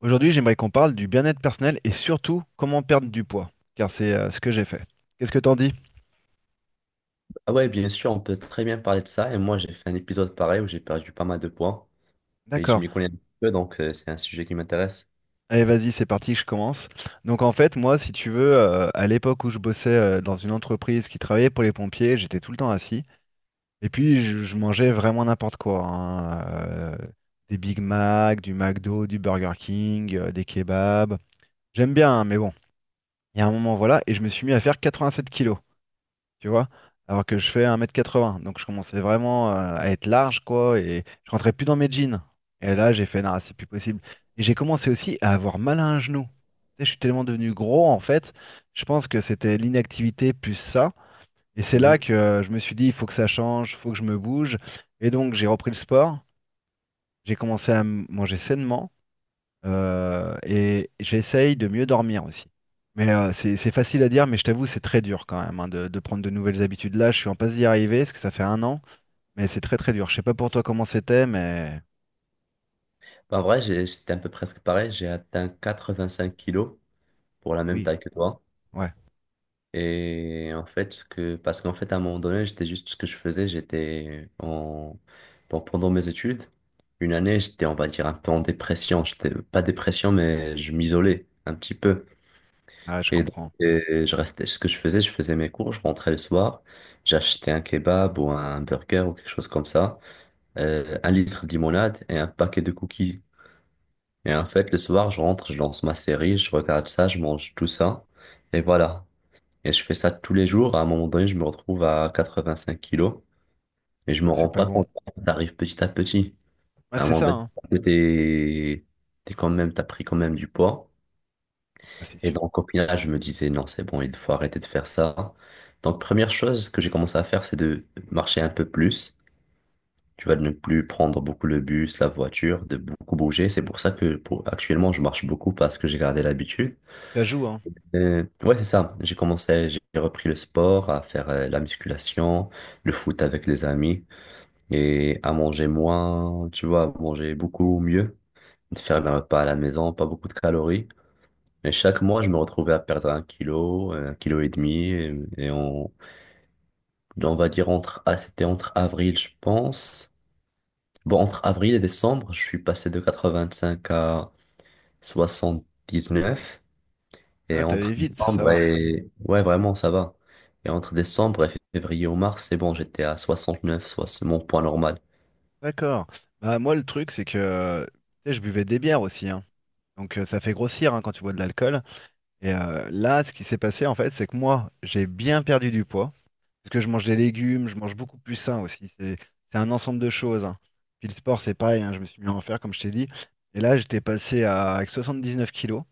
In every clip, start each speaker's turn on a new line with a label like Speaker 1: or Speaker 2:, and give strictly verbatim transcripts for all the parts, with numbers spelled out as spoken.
Speaker 1: Aujourd'hui, j'aimerais qu'on parle du bien-être personnel et surtout comment perdre du poids, car c'est euh, ce que j'ai fait. Qu'est-ce que t'en dis?
Speaker 2: Ah ouais, bien sûr, on peut très bien parler de ça. Et moi, j'ai fait un épisode pareil où j'ai perdu pas mal de poids et je
Speaker 1: D'accord.
Speaker 2: m'y connais un petit peu, donc euh, c'est un sujet qui m'intéresse.
Speaker 1: Allez, vas-y, c'est parti, je commence. Donc en fait, moi, si tu veux, euh, à l'époque où je bossais euh, dans une entreprise qui travaillait pour les pompiers, j'étais tout le temps assis. Et puis, je, je mangeais vraiment n'importe quoi, hein, euh, des Big Mac, du McDo, du Burger King, euh, des kebabs. J'aime bien, hein, mais bon, il y a un moment, voilà, et je me suis mis à faire quatre-vingt-sept kilos, tu vois. Alors que je fais un mètre quatre-vingts, donc je commençais vraiment euh, à être large, quoi, et je rentrais plus dans mes jeans. Et là, j'ai fait, non, c'est plus possible. Et j'ai commencé aussi à avoir mal à un genou. Tu sais, je suis tellement devenu gros, en fait, je pense que c'était l'inactivité plus ça. Et c'est là
Speaker 2: Mhm.
Speaker 1: que euh, je me suis dit, il faut que ça change, il faut que je me bouge. Et donc, j'ai repris le sport, j'ai commencé à m- manger sainement. Euh, et j'essaye de mieux dormir aussi. Mais euh, c'est c'est facile à dire, mais je t'avoue, c'est très dur quand même, hein, de, de prendre de nouvelles habitudes. Là, je suis en passe d'y arriver, parce que ça fait un an, mais c'est très très dur. Je sais pas pour toi comment c'était, mais
Speaker 2: Bah, en vrai, j'ai- j'étais un peu presque pareil. J'ai atteint quatre-vingt-cinq kilos pour la même
Speaker 1: oui,
Speaker 2: taille que toi.
Speaker 1: ouais.
Speaker 2: Et en fait, ce que, parce qu'en fait, à un moment donné, j'étais juste ce que je faisais. J'étais en, bon, pendant mes études, une année, j'étais, on va dire, un peu en dépression. J'étais pas dépression, mais je m'isolais un petit peu.
Speaker 1: Ah, je
Speaker 2: Et donc,
Speaker 1: comprends.
Speaker 2: et je restais, ce que je faisais, je faisais mes cours, je rentrais le soir, j'achetais un kebab ou un burger ou quelque chose comme ça, euh, un litre de limonade et un paquet de cookies. Et en fait, le soir, je rentre, je lance ma série, je regarde ça, je mange tout ça, et voilà. Et je fais ça tous les jours. À un moment donné, je me retrouve à quatre-vingt-cinq kilos et je me
Speaker 1: Ah,
Speaker 2: rends
Speaker 1: c'est pas
Speaker 2: pas
Speaker 1: bon.
Speaker 2: compte. T'arrives petit à petit.
Speaker 1: Ah,
Speaker 2: À un
Speaker 1: c'est
Speaker 2: moment
Speaker 1: ça,
Speaker 2: donné,
Speaker 1: hein.
Speaker 2: t'es, t'es quand même, t'as pris quand même du poids.
Speaker 1: Ah, c'est
Speaker 2: Et
Speaker 1: sûr.
Speaker 2: donc, au final, je me disais, non, c'est bon, il faut arrêter de faire ça. Donc, première chose que j'ai commencé à faire, c'est de marcher un peu plus. Tu vas ne plus prendre beaucoup le bus, la voiture, de beaucoup bouger. C'est pour ça que pour, actuellement, je marche beaucoup parce que j'ai gardé l'habitude.
Speaker 1: Ça joue, hein.
Speaker 2: Euh, ouais, c'est ça. J'ai commencé, j'ai repris le sport, à faire euh, la musculation, le foot avec les amis et à manger moins, tu vois, à manger beaucoup mieux, de faire mes repas à la maison, pas beaucoup de calories. Mais chaque mois, je me retrouvais à perdre un kilo, un kilo et demi. Et, et on, on va dire entre, ah, c'était entre avril, je pense. Bon, entre avril et décembre, je suis passé de quatre-vingt-cinq à soixante-dix-neuf.
Speaker 1: Ah,
Speaker 2: Et
Speaker 1: t'allais
Speaker 2: entre
Speaker 1: vite, ça
Speaker 2: décembre
Speaker 1: va.
Speaker 2: et, ouais, vraiment, ça va. Et entre décembre et février ou mars, c'est bon, j'étais à soixante-neuf, soit c'est mon poids normal.
Speaker 1: D'accord. Bah, moi, le truc, c'est que euh, tu sais, je buvais des bières aussi, hein. Donc euh, ça fait grossir, hein, quand tu bois de l'alcool. Et euh, là, ce qui s'est passé, en fait, c'est que moi, j'ai bien perdu du poids. Parce que je mange des légumes, je mange beaucoup plus sain aussi. C'est c'est un ensemble de choses, hein. Puis le sport, c'est pareil, hein, je me suis mis à en faire, comme je t'ai dit. Et là, j'étais passé à avec soixante-dix-neuf kilos.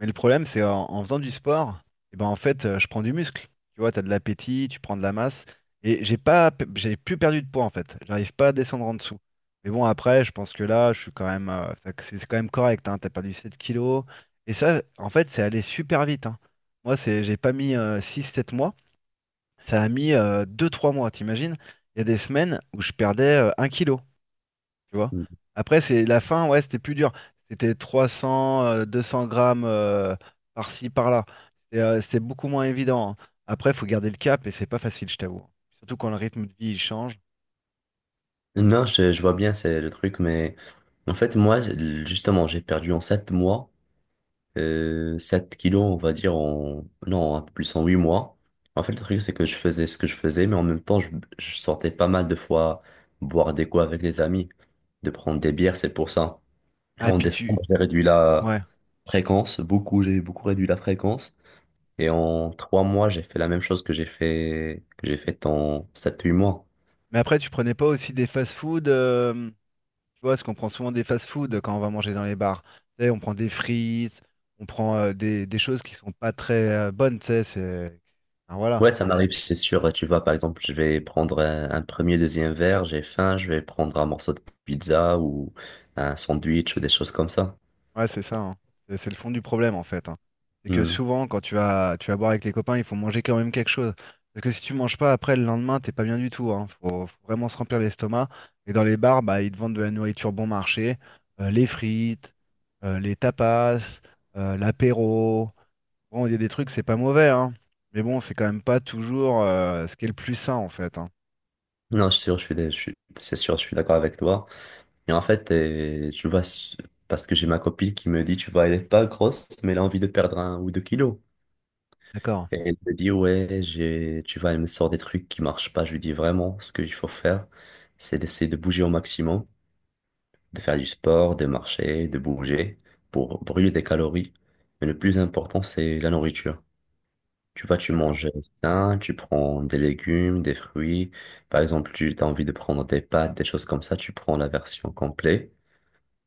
Speaker 1: Mais le problème, c'est en, en faisant du sport, et ben en fait, euh, je prends du muscle. Tu vois, tu as de l'appétit, tu prends de la masse. Et j'ai pas, pe- j'ai plus perdu de poids, en fait. J'arrive pas à descendre en dessous. Mais bon, après, je pense que là, je suis quand même, euh, ça- c'est c'est quand même correct. Hein, tu perdu sept kilos. Et ça, en fait, c'est allé super vite, hein. Moi, c'est, j'ai pas mis euh, six, sept mois. Ça a mis euh, deux trois mois, t'imagines? Il y a des semaines où je perdais euh, un kilo, tu vois. Après, c'est la fin, ouais, c'était plus dur. C'était trois cents, euh, deux cents grammes euh, par-ci, par-là. Et, euh, c'était beaucoup moins évident, hein. Après, il faut garder le cap et c'est pas facile, je t'avoue. Surtout quand le rythme de vie il change.
Speaker 2: Non, je, je vois bien, c'est le truc, mais en fait, moi, justement, j'ai perdu en sept mois euh, sept kilos, on va dire, en, non, un peu plus en huit mois. En fait, le truc, c'est que je faisais ce que je faisais, mais en même temps, je, je sortais pas mal de fois boire des coups avec les amis, de prendre des bières, c'est pour ça. Et
Speaker 1: Ah, et
Speaker 2: en
Speaker 1: puis
Speaker 2: décembre,
Speaker 1: tu.
Speaker 2: j'ai réduit la
Speaker 1: Ouais.
Speaker 2: fréquence, beaucoup, j'ai beaucoup réduit la fréquence. Et en trois mois, j'ai fait la même chose que j'ai fait, que j'ai fait en sept huit mois.
Speaker 1: Mais après, tu prenais pas aussi des fast-food, euh, tu vois, parce qu'on prend souvent des fast-food quand on va manger dans les bars. Tu sais, on prend des frites, on prend euh, des, des choses qui sont pas très euh, bonnes, tu sais, c'est, enfin, voilà.
Speaker 2: Ouais, ça m'arrive, c'est sûr. Tu vois, par exemple, je vais prendre un, un premier, deuxième verre, j'ai faim, je vais prendre un morceau de pizza ou un sandwich ou des choses comme ça.
Speaker 1: Ouais, c'est ça, hein. C'est c'est le fond du problème, en fait, hein. C'est que
Speaker 2: Hmm.
Speaker 1: souvent, quand tu vas, tu vas boire avec les copains, il faut manger quand même quelque chose. Parce que si tu manges pas, après, le lendemain, t'es pas bien du tout, hein. Faut, faut vraiment se remplir l'estomac. Et dans les bars, bah, ils te vendent de la nourriture bon marché, euh, les frites, euh, les tapas, euh, l'apéro. Bon, il y a des trucs, c'est pas mauvais, hein. Mais bon, c'est quand même pas toujours euh, ce qui est le plus sain, en fait, hein.
Speaker 2: Non, c'est sûr, je suis, dé- je suis, c'est sûr, je suis d'accord avec toi. Mais en fait, euh, tu vois, s- parce que j'ai ma copine qui me dit, tu vois, elle est pas grosse, mais elle a envie de perdre un ou deux kilos.
Speaker 1: D'accord.
Speaker 2: Et elle me dit, ouais, j'ai, tu vois, elle me sort des trucs qui marchent pas. Je lui dis vraiment, ce qu'il faut faire, c'est d'essayer de bouger au maximum, de faire du sport, de marcher, de bouger pour brûler des calories. Mais le plus important, c'est la nourriture. Tu vois, tu
Speaker 1: D'accord.
Speaker 2: manges sain, tu prends des légumes, des fruits. Par exemple, tu as envie de prendre des pâtes, des choses comme ça, tu prends la version complète.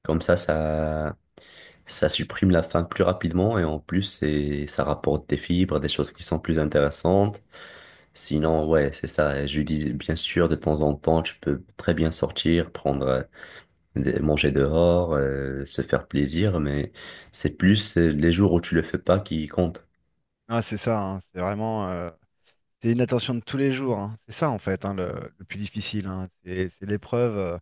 Speaker 2: Comme ça, ça, ça supprime la faim plus rapidement et en plus, c'est, ça rapporte des fibres, des choses qui sont plus intéressantes. Sinon, ouais, c'est ça. Et je lui dis, bien sûr, de temps en temps, tu peux très bien sortir, prendre euh, de- manger dehors, euh, se faire plaisir, mais c'est plus euh, les jours où tu le fais pas qui comptent.
Speaker 1: Ah, c'est ça, hein, c'est vraiment, euh, c'est une attention de tous les jours, hein. C'est ça en fait, hein, le, le plus difficile, hein. C'est c'est l'épreuve, euh,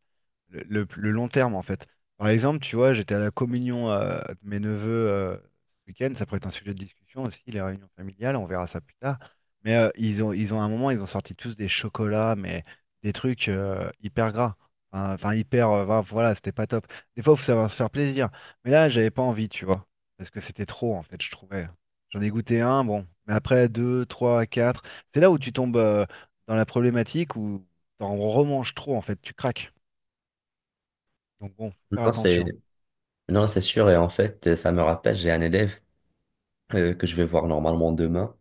Speaker 1: le, le- le long terme en fait. Par exemple, tu vois, j'étais à la communion euh, de mes neveux euh, ce week-end. Ça pourrait être un sujet de discussion aussi, les réunions familiales. On verra ça plus tard. Mais euh, ils ont, ils ont à un moment, ils ont sorti tous des chocolats, mais des trucs euh, hyper gras. Enfin, enfin, hyper, euh, enfin, voilà, c'était pas top. Des fois, il faut savoir se faire plaisir. Mais là, j'avais pas envie, tu vois, parce que c'était trop en fait, je trouvais. J'en ai goûté un, bon, mais après deux, trois, quatre. C'est là où tu tombes euh, dans la problématique où t'en remanges trop, en fait, tu craques. Donc bon, faut faire
Speaker 2: Non, c'est
Speaker 1: attention.
Speaker 2: non, c'est sûr. Et en fait, euh, ça me rappelle, j'ai un élève euh, que je vais voir normalement demain,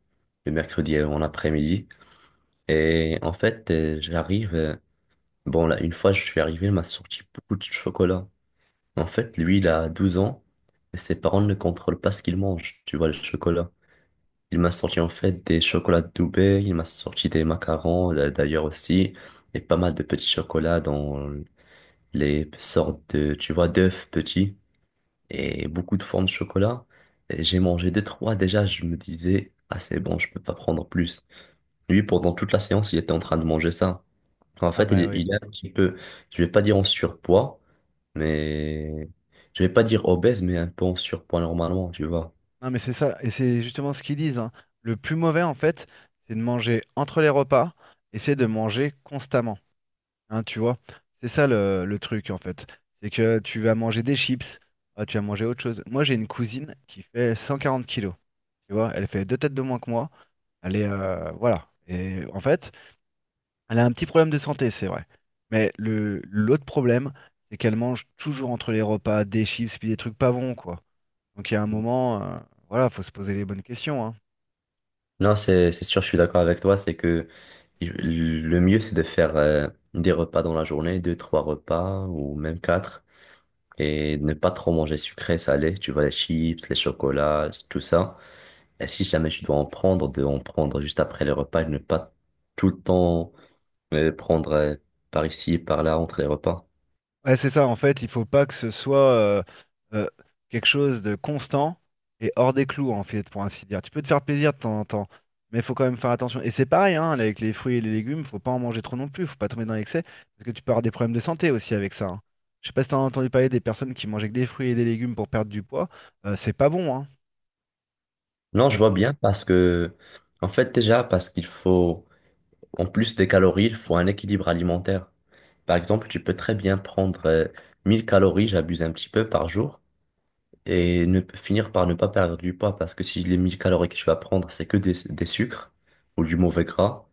Speaker 2: le mercredi en après-midi. Et en fait, euh, j'arrive. Euh, Bon, là, une fois, je suis arrivé, il m'a sorti beaucoup de chocolat. En fait, lui, il a douze ans et ses parents ne contrôlent pas ce qu'il mange. Tu vois, le chocolat. Il m'a sorti en fait des chocolats de Dubaï, il m'a sorti des macarons d'a- d'ailleurs aussi, et pas mal de petits chocolats dans les sortes de, tu vois, d'œufs petits, et beaucoup de formes de chocolat. Et j'ai mangé deux, trois déjà, je me disais, ah c'est bon, je peux pas prendre plus. Lui, pendant toute la séance, il était en train de manger ça. En
Speaker 1: Ah
Speaker 2: fait, il,
Speaker 1: bah oui.
Speaker 2: il est un petit peu, je vais pas dire en surpoids, mais je vais pas dire obèse, mais un peu en surpoids normalement, tu vois.
Speaker 1: Non mais c'est ça, et c'est justement ce qu'ils disent, hein. Le plus mauvais, en fait, c'est de manger entre les repas et c'est de manger constamment. Hein, tu vois? C'est ça le, le truc, en fait. C'est que tu vas manger des chips, ah, tu vas manger autre chose. Moi, j'ai une cousine qui fait cent quarante kilos. Tu vois, elle fait deux têtes de moins que moi. Elle est, euh, voilà. Et en fait, elle a un petit problème de santé, c'est vrai. Mais le l'autre problème, c'est qu'elle mange toujours entre les repas des chips puis des trucs pas bons, quoi. Donc il y a un moment, euh, voilà, faut se poser les bonnes questions, hein.
Speaker 2: Non, c'est c'est sûr, je suis d'accord avec toi. C'est que le mieux, c'est de faire euh, des repas dans la journée, deux, trois repas ou même quatre, et ne pas trop manger sucré, salé. Tu vois, les chips, les chocolats, tout ça. Et si jamais tu dois en prendre, de en prendre juste après les repas et ne pas tout le temps euh, prendre euh, par ici, par là, entre les repas.
Speaker 1: Ouais, c'est ça, en fait, il faut pas que ce soit euh, euh, quelque chose de constant et hors des clous, en fait, pour ainsi dire. Tu peux te faire plaisir de temps en temps, mais il faut quand même faire attention. Et c'est pareil, hein, avec les fruits et les légumes, faut pas en manger trop non plus, faut pas tomber dans l'excès, parce que tu peux avoir des problèmes de santé aussi avec ça, hein. Je sais pas si t'as entendu parler des personnes qui mangeaient que des fruits et des légumes pour perdre du poids, euh, c'est pas bon, hein.
Speaker 2: Non, je
Speaker 1: Ça-
Speaker 2: vois bien parce que, en fait, déjà, parce qu'il faut. En plus des calories, il faut un équilibre alimentaire. Par exemple, tu peux très bien prendre euh, mille calories, j'abuse un petit peu par jour, et ne, finir par ne pas perdre du poids parce que si les mille calories que tu vas prendre, c'est que des, des sucres ou du mauvais gras,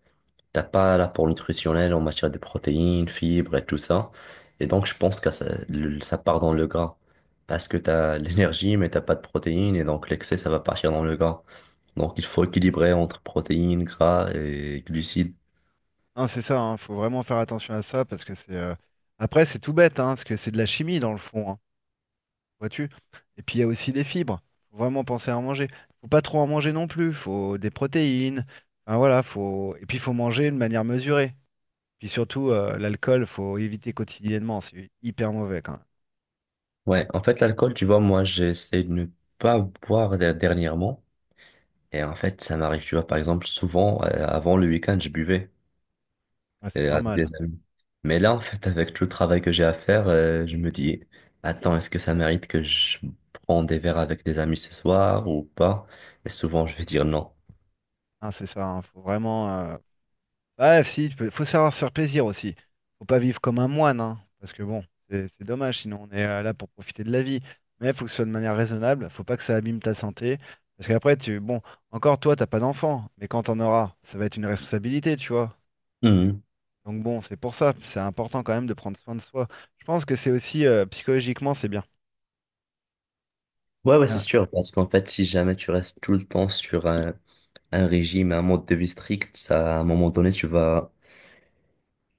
Speaker 2: t'as pas l'apport nutritionnel en matière de protéines, fibres et tout ça. Et donc, je pense que ça, le- ça part dans le gras parce que t'as l'énergie, mais t'as pas de protéines et donc l'excès, ça va partir dans le gras. Donc, il faut équilibrer entre protéines, gras et glucides.
Speaker 1: hein, c'est ça, hein, faut vraiment faire attention à ça, parce que c'est, euh, après, c'est tout bête, hein, parce que c'est de la chimie dans le fond, hein. Vois-tu? Et puis il y a aussi des fibres. Faut vraiment penser à en manger. Faut pas trop en manger non plus. Faut des protéines. Enfin, voilà, faut. Et puis il faut manger de manière mesurée. Puis surtout, euh, l'alcool, faut éviter quotidiennement. C'est hyper mauvais quand même.
Speaker 2: Ouais, en fait, l'alcool, tu vois, moi, j'essaie de ne pas boire der- dernièrement. Et en fait, ça m'arrive, tu vois, par exemple, souvent, euh, avant le week-end, je buvais
Speaker 1: Ouais, c'est
Speaker 2: euh, avec des
Speaker 1: normal.
Speaker 2: amis. Mais là, en fait, avec tout le travail que j'ai à faire, euh, je me dis, attends, est-ce que ça mérite que je prends des verres avec des amis ce soir ou pas? Et souvent, je vais dire non.
Speaker 1: Hein, c'est ça, hein. Faut vraiment, euh, ouais, si, tu peux- faut savoir se faire plaisir aussi. Faut pas vivre comme un moine, hein, parce que bon, c'est c'est dommage, sinon on est euh, là pour profiter de la vie. Mais faut que ce soit de manière raisonnable, faut pas que ça abîme ta santé. Parce qu'après, tu, bon, encore toi, t'as pas d'enfant, mais quand t'en auras, ça va être une responsabilité, tu vois.
Speaker 2: Mhm.
Speaker 1: Donc bon, c'est pour ça, c'est important quand même de prendre soin de soi. Je pense que c'est aussi, euh, psychologiquement, c'est bien.
Speaker 2: Ouais, ouais, c'est
Speaker 1: Tiens,
Speaker 2: sûr, parce qu'en fait, si jamais tu restes tout le temps sur un, un régime, un mode de vie strict, ça, à un moment donné, tu vas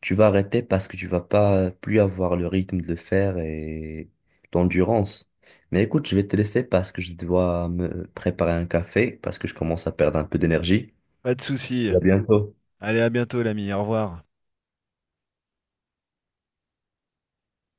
Speaker 2: tu vas arrêter parce que tu vas pas plus avoir le rythme de le faire et l'endurance. Mais écoute, je vais te laisser parce que je dois me préparer un café parce que je commence à perdre un peu d'énergie.
Speaker 1: pas de souci.
Speaker 2: À bientôt.
Speaker 1: Allez, à bientôt, l'ami, au revoir.